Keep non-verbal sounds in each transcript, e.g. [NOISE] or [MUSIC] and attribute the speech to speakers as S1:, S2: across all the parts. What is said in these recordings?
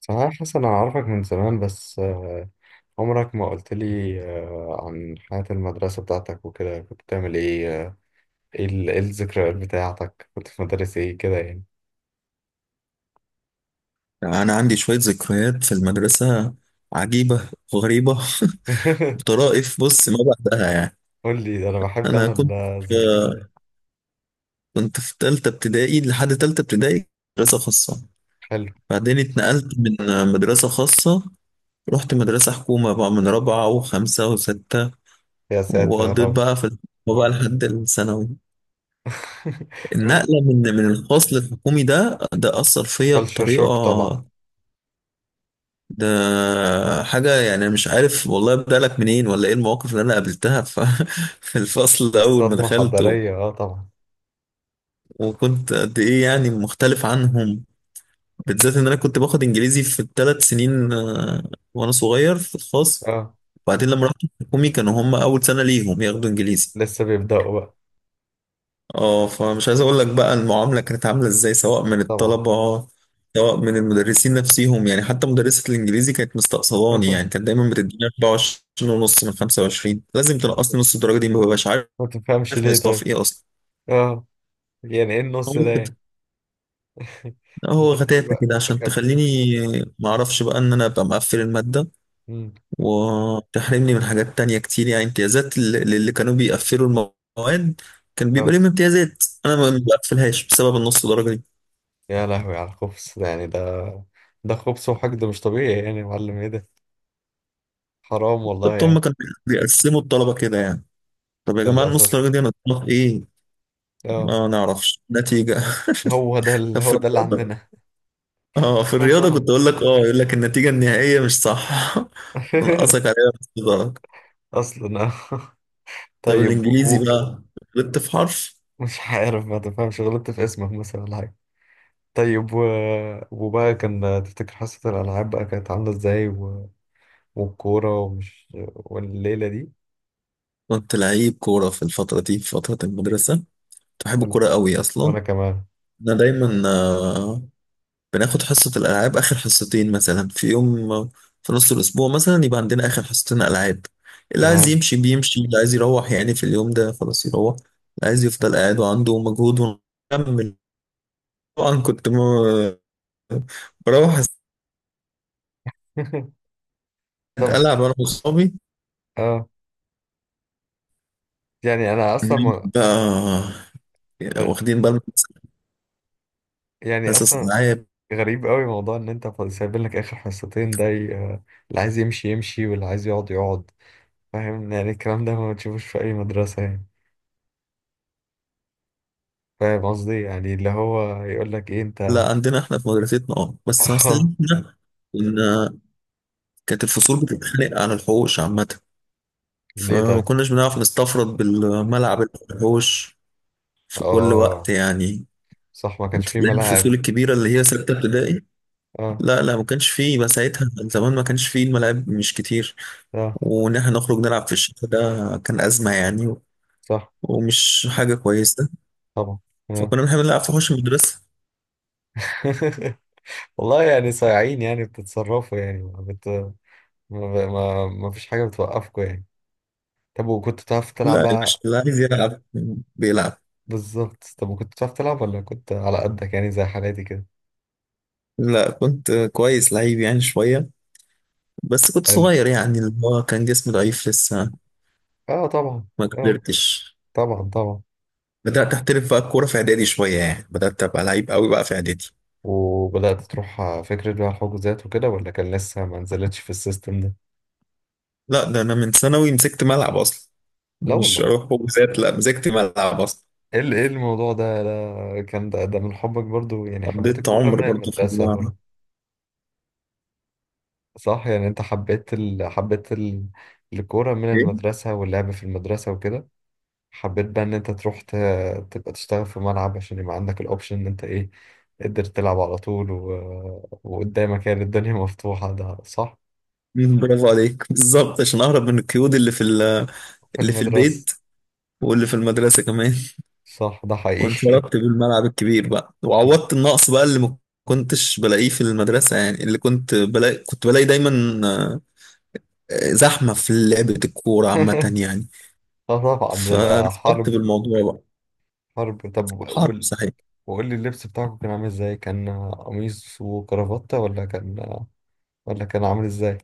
S1: صحيح يا حسن، أنا أعرفك من زمان بس عمرك ما قلت لي عن حياة المدرسة بتاعتك وكده كنت بتعمل إيه؟ إيه الذكريات بتاعتك؟ كنت في مدارس إيه كده يعني؟
S2: أنا عندي شوية ذكريات في المدرسة عجيبة وغريبة. [LAUGHS]
S1: [LAUGHS]
S2: بطرائف بص ما بعدها يعني.
S1: قول لي ده، أنا بحب
S2: أنا كنت في
S1: الذكريات دي.
S2: كنت في تالتة ابتدائي لحد تالتة ابتدائي، مدرسة خاصة.
S1: حلو.
S2: بعدين اتنقلت من مدرسة خاصة، رحت مدرسة حكومة بقى من رابعة وخمسة وستة،
S1: يا ساتر يا
S2: وقضيت
S1: رب.
S2: بقى في الحكومة بقى لحد الثانوي.
S1: [LAUGHS]
S2: النقلة من الخاص للحكومي ده أثر فيا
S1: كلشر شوك طبعا.
S2: بطريقة. ده حاجة، يعني أنا مش عارف والله أبدأ لك منين ولا إيه المواقف اللي أنا قابلتها. [LAUGHS] في الفصل أول ما
S1: صدمة
S2: دخلت، و-
S1: حضارية، أه طبعا.
S2: وكنت قد إيه يعني مختلف عنهم، بالذات إن أنا كنت باخد إنجليزي في الثلاث سنين، وأنا صغير في الخاص.
S1: أه.
S2: وبعدين لما رحت الحكومي كانوا هم أول سنة ليهم ياخدوا إنجليزي.
S1: لسه بيبدأوا بقى.
S2: اه فمش عايز اقول لك بقى المعامله كانت عامله ازاي، سواء من
S1: طبعا.
S2: الطلبه سواء من المدرسين نفسهم. يعني حتى مدرسه الانجليزي كانت مستقصداني،
S1: [LAUGHS]
S2: يعني كانت دايما بتديني 24 ونص من 25. لازم تنقصني نص الدرجه دي، ما ببقاش عارف
S1: ما تفهمش ليه
S2: نقصتها في
S1: طيب؟
S2: ايه اصلا.
S1: أه. يعني إيه
S2: هو
S1: النص ده
S2: كده،
S1: يعني؟ [LAUGHS]
S2: هو
S1: أنت تلاقيه
S2: غتاتة
S1: بقى
S2: كده عشان
S1: كم؟
S2: تخليني ما اعرفش بقى ان انا ابقى مقفل الماده،
S1: مم.
S2: وتحرمني من حاجات تانية كتير، يعني امتيازات للي كانوا بيقفلوا المواد كان بيبقى
S1: آه.
S2: ليهم امتيازات، انا ما بقفلهاش بسبب النص درجه.
S1: يا لهوي على الخبز ده، يعني ده خبز وحقد مش طبيعي، يعني يا معلم ايه ده؟ حرام والله
S2: بالظبط، هم
S1: يعني.
S2: كانوا بيقسموا الطلبة كده يعني. طب يا جماعة،
S1: للأسف.
S2: النص درجة دي أنا في إيه؟
S1: اه.
S2: ما نعرفش نتيجة. [LAUGHS] طب في
S1: هو ده اللي
S2: الرياضة،
S1: عندنا.
S2: آه في الرياضة كنت
S1: [LAUGHS]
S2: أقول لك، آه يقول لك النتيجة النهائية مش صح. [LAUGHS] نقصك عليها نص درجة.
S1: اصلا اه.
S2: طب
S1: طيب
S2: الإنجليزي
S1: و...
S2: بقى غلطت في حرف.
S1: مش عارف، ما تفهمش. غلطت في اسمك مثلا ولا حاجة؟ طيب و... وبقى، كان تفتكر حصة الألعاب بقى كانت عاملة ازاي؟ و... والكورة، ومش... والليلة دي؟
S2: كنت لعيب كورة في الفترة دي، في فترة المدرسة كنت بحب
S1: ولا.
S2: الكورة قوي أصلا.
S1: وأنا كمان.
S2: أنا دايما بناخد حصة الألعاب آخر حصتين، مثلا في يوم، في نص الأسبوع مثلا يبقى عندنا آخر حصتين ألعاب. اللي عايز
S1: تمام.
S2: يمشي بيمشي، اللي عايز يروح يعني في اليوم ده خلاص يروح، اللي عايز يفضل قاعد وعنده مجهود ونكمل. طبعا كنت بروح
S1: [LAUGHS] طب.
S2: ألعب أنا وأصحابي
S1: اه. يعني أنا أصلا ما-
S2: بقى، واخدين بالنا من
S1: يعني
S2: حصص
S1: اصلا
S2: الألعاب.
S1: غريب قوي موضوع ان انت سايبين لك اخر حصتين، اللي عايز يمشي يمشي، واللي عايز يقعد يقعد. فاهم؟ يعني الكلام ده ما بتشوفوش في اي مدرسة يعني. فاهم قصدي؟ يعني اللي هو يقول لك ايه انت.
S2: لا
S1: [LAUGHS]
S2: عندنا احنا في مدرستنا اه، بس اصل
S1: اه.
S2: إحنا كنا كانت الفصول بتتخانق على الحوش عامة.
S1: ليه
S2: فما
S1: طيب؟
S2: كناش بنعرف نستفرد بالملعب، الحوش، في كل وقت
S1: اه،
S2: يعني.
S1: صح، ما كانش
S2: انت
S1: فيه
S2: تلاقي
S1: ملاعب.
S2: الفصول الكبيرة اللي هي ستة ابتدائي.
S1: اه.
S2: لا لا، ما كانش فيه بقى ساعتها زمان، ما كانش فيه الملاعب مش كتير.
S1: اه،
S2: وإن احنا نخرج نلعب في الشتاء ده كان أزمة يعني،
S1: صح.
S2: ومش حاجة كويسة.
S1: طبعا. آه.
S2: فكنا بنحب نلعب في حوش المدرسة.
S1: [LAUGHS] والله يعني صايعين، يعني بتتصرفوا، يعني ما بت ما, ب... ما... ما فيش حاجة بتوقفكم يعني. طب، وكنت بتعرف تلعب
S2: لا يا باشا،
S1: بقى؟
S2: اللي عايز يلعب بيلعب.
S1: بالظبط. طب، وكنت بتعرف تلعب ولا كنت على قدك يعني، زي حالاتي كده؟
S2: لا كنت كويس، لعيب يعني شوية، بس كنت
S1: حلو.
S2: صغير يعني اللي هو كان جسمي ضعيف لسه،
S1: اه طبعا.
S2: ما
S1: اه
S2: كبرتش.
S1: طبعا.
S2: بدأت أحترف بقى الكورة في إعدادي شوية يعني، بدأت أبقى لعيب قوي بقى في إعدادي.
S1: وبدأت تروح فكرة بقى الحجوزات وكده، ولا كان لسه ما نزلتش في السيستم ده؟
S2: لا ده أنا من ثانوي مسكت ملعب أصلا،
S1: لا
S2: مش
S1: والله.
S2: أروح حجوزات، لا مسكت ملعب أصلا.
S1: ايه الموضوع ده؟ ده من حبك برضو، يعني حبيت
S2: قضيت
S1: الكورة
S2: عمر
S1: من
S2: برضه في
S1: المدرسة برضو.
S2: الملعب.
S1: صح. يعني انت الكورة من
S2: إيه؟
S1: المدرسة، واللعب في المدرسة وكده. حبيت بقى ان انت تبقى تشتغل في ملعب، عشان يبقى عندك الاوبشن ان انت، ايه، تقدر تلعب على طول، و... وقدامك يعني الدنيا مفتوحة. ده صح.
S2: مم، برافو عليك. [LAUGHS] بالظبط عشان أهرب من القيود اللي في
S1: في
S2: اللي في
S1: المدرسة.
S2: البيت، واللي في المدرسة كمان.
S1: صح، ده
S2: [LAUGHS]
S1: حقيقي.
S2: وانفردت بالملعب الكبير بقى، وعوضت
S1: [LAUGHS]
S2: النقص بقى اللي ما كنتش بلاقيه في المدرسة، يعني اللي كنت بلاقي كنت بلاقي دايما زحمة في لعبة الكورة عامة يعني.
S1: اه طبعا، بيبقى
S2: فانفردت
S1: حرب.
S2: بالموضوع بقى.
S1: حرب. طب،
S2: حرب
S1: وقول.
S2: صحيح.
S1: وقول لي اللبس بتاعكم كان عامل ازاي؟ كان قميص وكرافتة، ولا كان... ولا كان عامل ازاي؟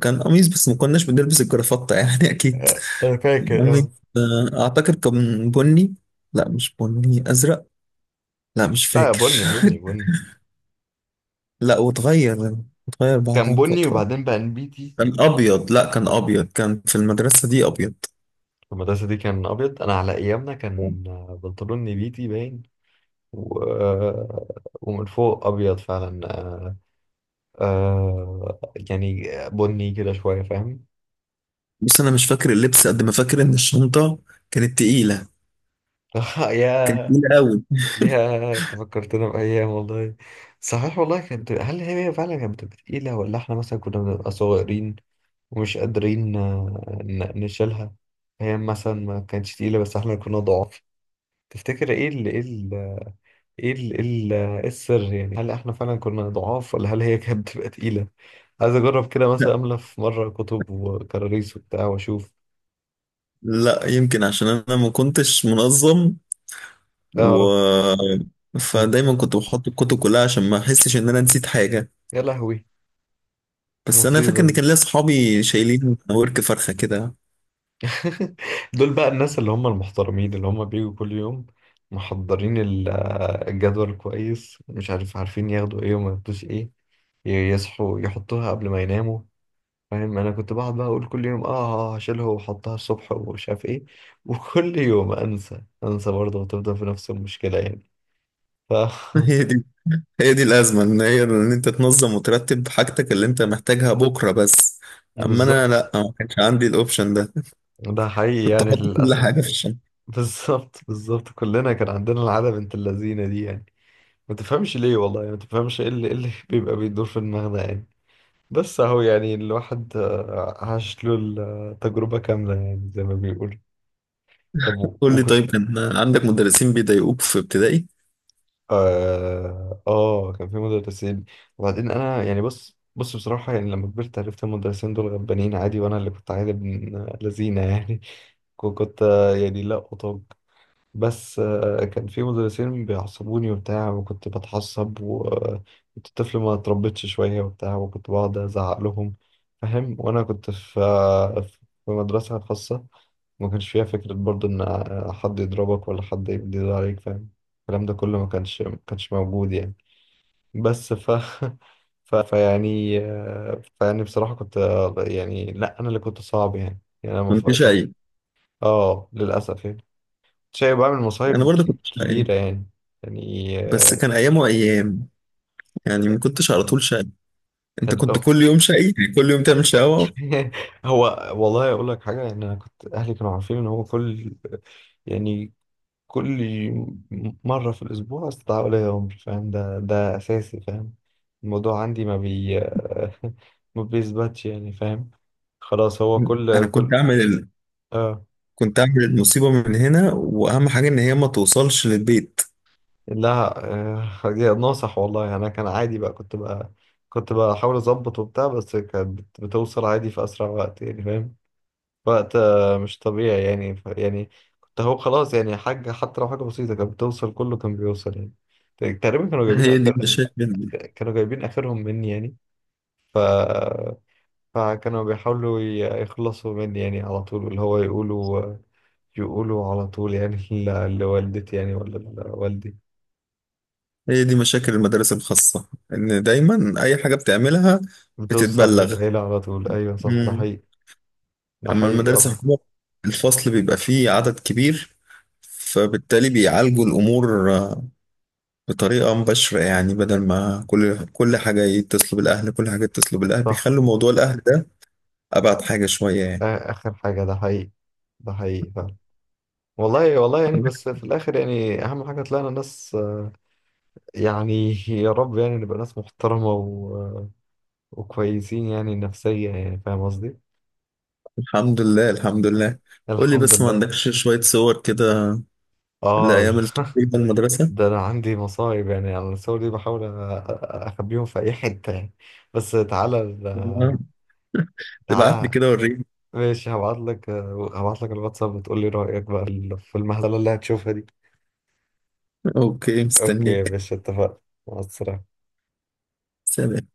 S2: كان قميص، بس ما كناش بنلبس الجرافطة يعني، [LAUGHS] أكيد.
S1: انا فاكر
S2: قميص،
S1: اه.
S2: أعتقد كان بني. لا مش بني، أزرق. لا مش
S1: لا،
S2: فاكر. [LAUGHS]
S1: بني.
S2: لا واتغير، اتغير
S1: كان
S2: بعدها
S1: بني
S2: بفترة.
S1: وبعدين بقى نبيتي.
S2: كان أبيض. لا كان أبيض، كان في المدرسة دي أبيض.
S1: في المدرسة دي كان أبيض. أنا على أيامنا كان بنطلون نبيتي باين، و... ومن فوق أبيض فعلا. آه... يعني بني كده شوية، فاهم.
S2: بس أنا مش فاكر اللبس قد ما فاكر إن الشنطة كانت تقيلة،
S1: [LAUGHS]
S2: كانت
S1: يا.
S2: تقيلة أوي.
S1: يا انت فكرتنا بأيام والله. صحيح والله. كانت... هل هي فعلا كانت بتبقى تقيلة، ولا احنا مثلا كنا بنبقى صغيرين ومش قادرين نشيلها؟ هي مثلا ما كانتش تقيلة، بس احنا كنا ضعاف. تفتكر ايه إيه السر يعني؟ هل احنا فعلا كنا ضعاف، ولا هل هي [LAUGHS] كانت بتبقى تقيلة؟ عايز اجرب كده مثلا، املى في مرة كتب وكراريس وبتاع، واشوف.
S2: لا يمكن عشان أنا ما كنتش منظم، و
S1: اه.
S2: فدايما كنت بحط الكتب كلها عشان ما أحسش إن أنا نسيت حاجة.
S1: يا لهوي،
S2: بس انا فاكر
S1: المصيبة
S2: ان
S1: دي.
S2: كان ليا صحابي شايلين ورك فرخه كده.
S1: [LAUGHS] دول بقى الناس اللي هم المحترمين، اللي هم بيجوا كل يوم محضرين الجدول كويس، مش عارف، عارفين ياخدوا ايه وما ياخدوش ايه، يصحوا يحطوها قبل ما يناموا، فاهم. انا كنت بقعد بقى اقول كل يوم، اه هشيلها واحطها الصبح ومش عارف ايه، وكل يوم انسى انسى برضه، وتفضل في نفس المشكلة يعني. ف
S2: [LAUGHS]
S1: [LAUGHS]
S2: هي دي هي دي الازمه، ان هي ان انت تنظم وترتب حاجتك اللي انت محتاجها بكره بس. اما انا
S1: بالظبط.
S2: لا، ما كانش عندي الاوبشن ده.
S1: ده حقيقي
S2: كنت
S1: يعني،
S2: احط كل
S1: للأسف.
S2: حاجه في الشنطه.
S1: بالظبط بالظبط. كلنا كان عندنا العادة بنت اللذينة دي يعني. ما تفهمش ليه والله، يعني ما تفهمش إيه اللي [LAUGHS] بيبقى بيدور في دماغنا يعني. بس اهو، يعني الواحد عاش له التجربة كاملة، يعني زي ما بيقول. طب
S2: قول لي
S1: وكنت...
S2: طيب، كان عندك مدرسين بيضايقوك في ابتدائي؟
S1: اه كان في مدرسين. وبعدين انا يعني بص بصراحة، يعني لما كبرت عرفت المدرسين دول غلبانين عادي، وانا اللي كنت عادي ابن لذينة يعني. [LAUGHS] كنت يعني لا أطاق. بس كان في مدرسين بيعصبوني وبتاع، وكنت بتعصب، وكنت طفل ما اتربيتش شوية وبتاع، وكنت بقعد أزعق لهم، فاهم. وأنا كنت في في مدرسة خاصة، ما كانش فيها فكرة برضو إن حد يضربك ولا حد يجدر عليك، فاهم. الكلام ده كله ما كانش موجود يعني. بس ف [LAUGHS] ف فيعني آه، فيعني بصراحة كنت يعني لا، أنا اللي كنت صعب يعني، يعني
S2: كنت
S1: اه.
S2: شقي.
S1: للأسف يعني. شاي بعمل
S2: انا برضه كنت شقي،
S1: كبيرة يعني. يعني
S2: بس كان ايام وايام يعني، ما كنتش على طول شقي. انت
S1: كان
S2: كنت
S1: لو.
S2: كل يوم شقي يعني، كل يوم تعمل شقاوه.
S1: [LAUGHS] هو. والله أقول لك حاجة، يعني أنا كنت أهلي كانوا عارفين إن هو كل، يعني كل مرة في الأسبوع استدعاء ولي أمر، فاهم، ده ده أساسي، فاهم. الموضوع عندي ما بي [LAUGHS] ما بيثبتش يعني، فاهم. خلاص، هو كل
S2: انا كنت
S1: كل
S2: اعمل ال...
S1: آه.
S2: كنت اعمل المصيبه من هنا، واهم حاجه ان هي ما توصلش للبيت.
S1: لا، ناصح والله يعني. انا كان عادي بقى، كنت بحاول اظبط وبتاع، بس كانت بتوصل عادي في اسرع وقت يعني، فاهم. وقت مش طبيعي يعني، يعني كنت... هو خلاص يعني، حاجه حتى لو حاجه بسيطه كانت بتوصل، كله كان بيوصل يعني. تقريبا كانوا جايبين
S2: هي دي
S1: آخر...
S2: مشاكل
S1: كانوا جايبين اخرهم مني يعني. ف. فكانوا بيحاولوا يخلصوا مني يعني على طول، اللي هو يقولوا، يقولوا على طول يعني [LAUGHS] لوالدتي يعني ولا لوالدي.
S2: هي دي مشاكل المدارس الخاصة، إن دايما أي حاجة بتعملها
S1: بتوصل
S2: بتتبلغ.
S1: للعيلة على طول، أيوة صح، ده
S2: مم.
S1: حقيقي. ده
S2: أما
S1: حقيقي
S2: المدارس
S1: والله.
S2: الحكومية الفصل بيبقى فيه عدد كبير، فبالتالي بيعالجوا الأمور بطريقة مباشرة. يعني بدل ما كل حاجة يتصلوا بالأهل، كل حاجة يتصلوا بالأهل،
S1: صح.
S2: بيخلوا موضوع الأهل ده أبعد حاجة شوية يعني.
S1: آخر حاجة، ده حقيقي. ده حقيقي فعلا. والله والله يعني، بس في الآخر يعني أهم حاجة طلعنا ناس، يعني يا رب يعني نبقى ناس محترمة، و... وكويسين يعني نفسيا، يعني فاهم قصدي؟
S2: الحمد لله، الحمد لله. قول لي
S1: الحمد
S2: بس، ما
S1: لله.
S2: عندكش شوية صور كده
S1: آه.
S2: لأيام التقريبا المدرسة؟
S1: ده أنا عندي مصايب يعني على الصور دي. بحاول أ- أخبيهم في أي حتة يعني. بس تعالى
S2: تمام. تبعت لي
S1: تعالى.
S2: كده وريني.
S1: ماشي، هبعت لك. هبعت لك الواتساب، وتقول لي رأيك بقى في المهزلة اللي هتشوفها دي.
S2: اوكي
S1: اوكي يا
S2: مستنيك.
S1: باشا، اتفقنا. مع السلامة.
S2: سلام.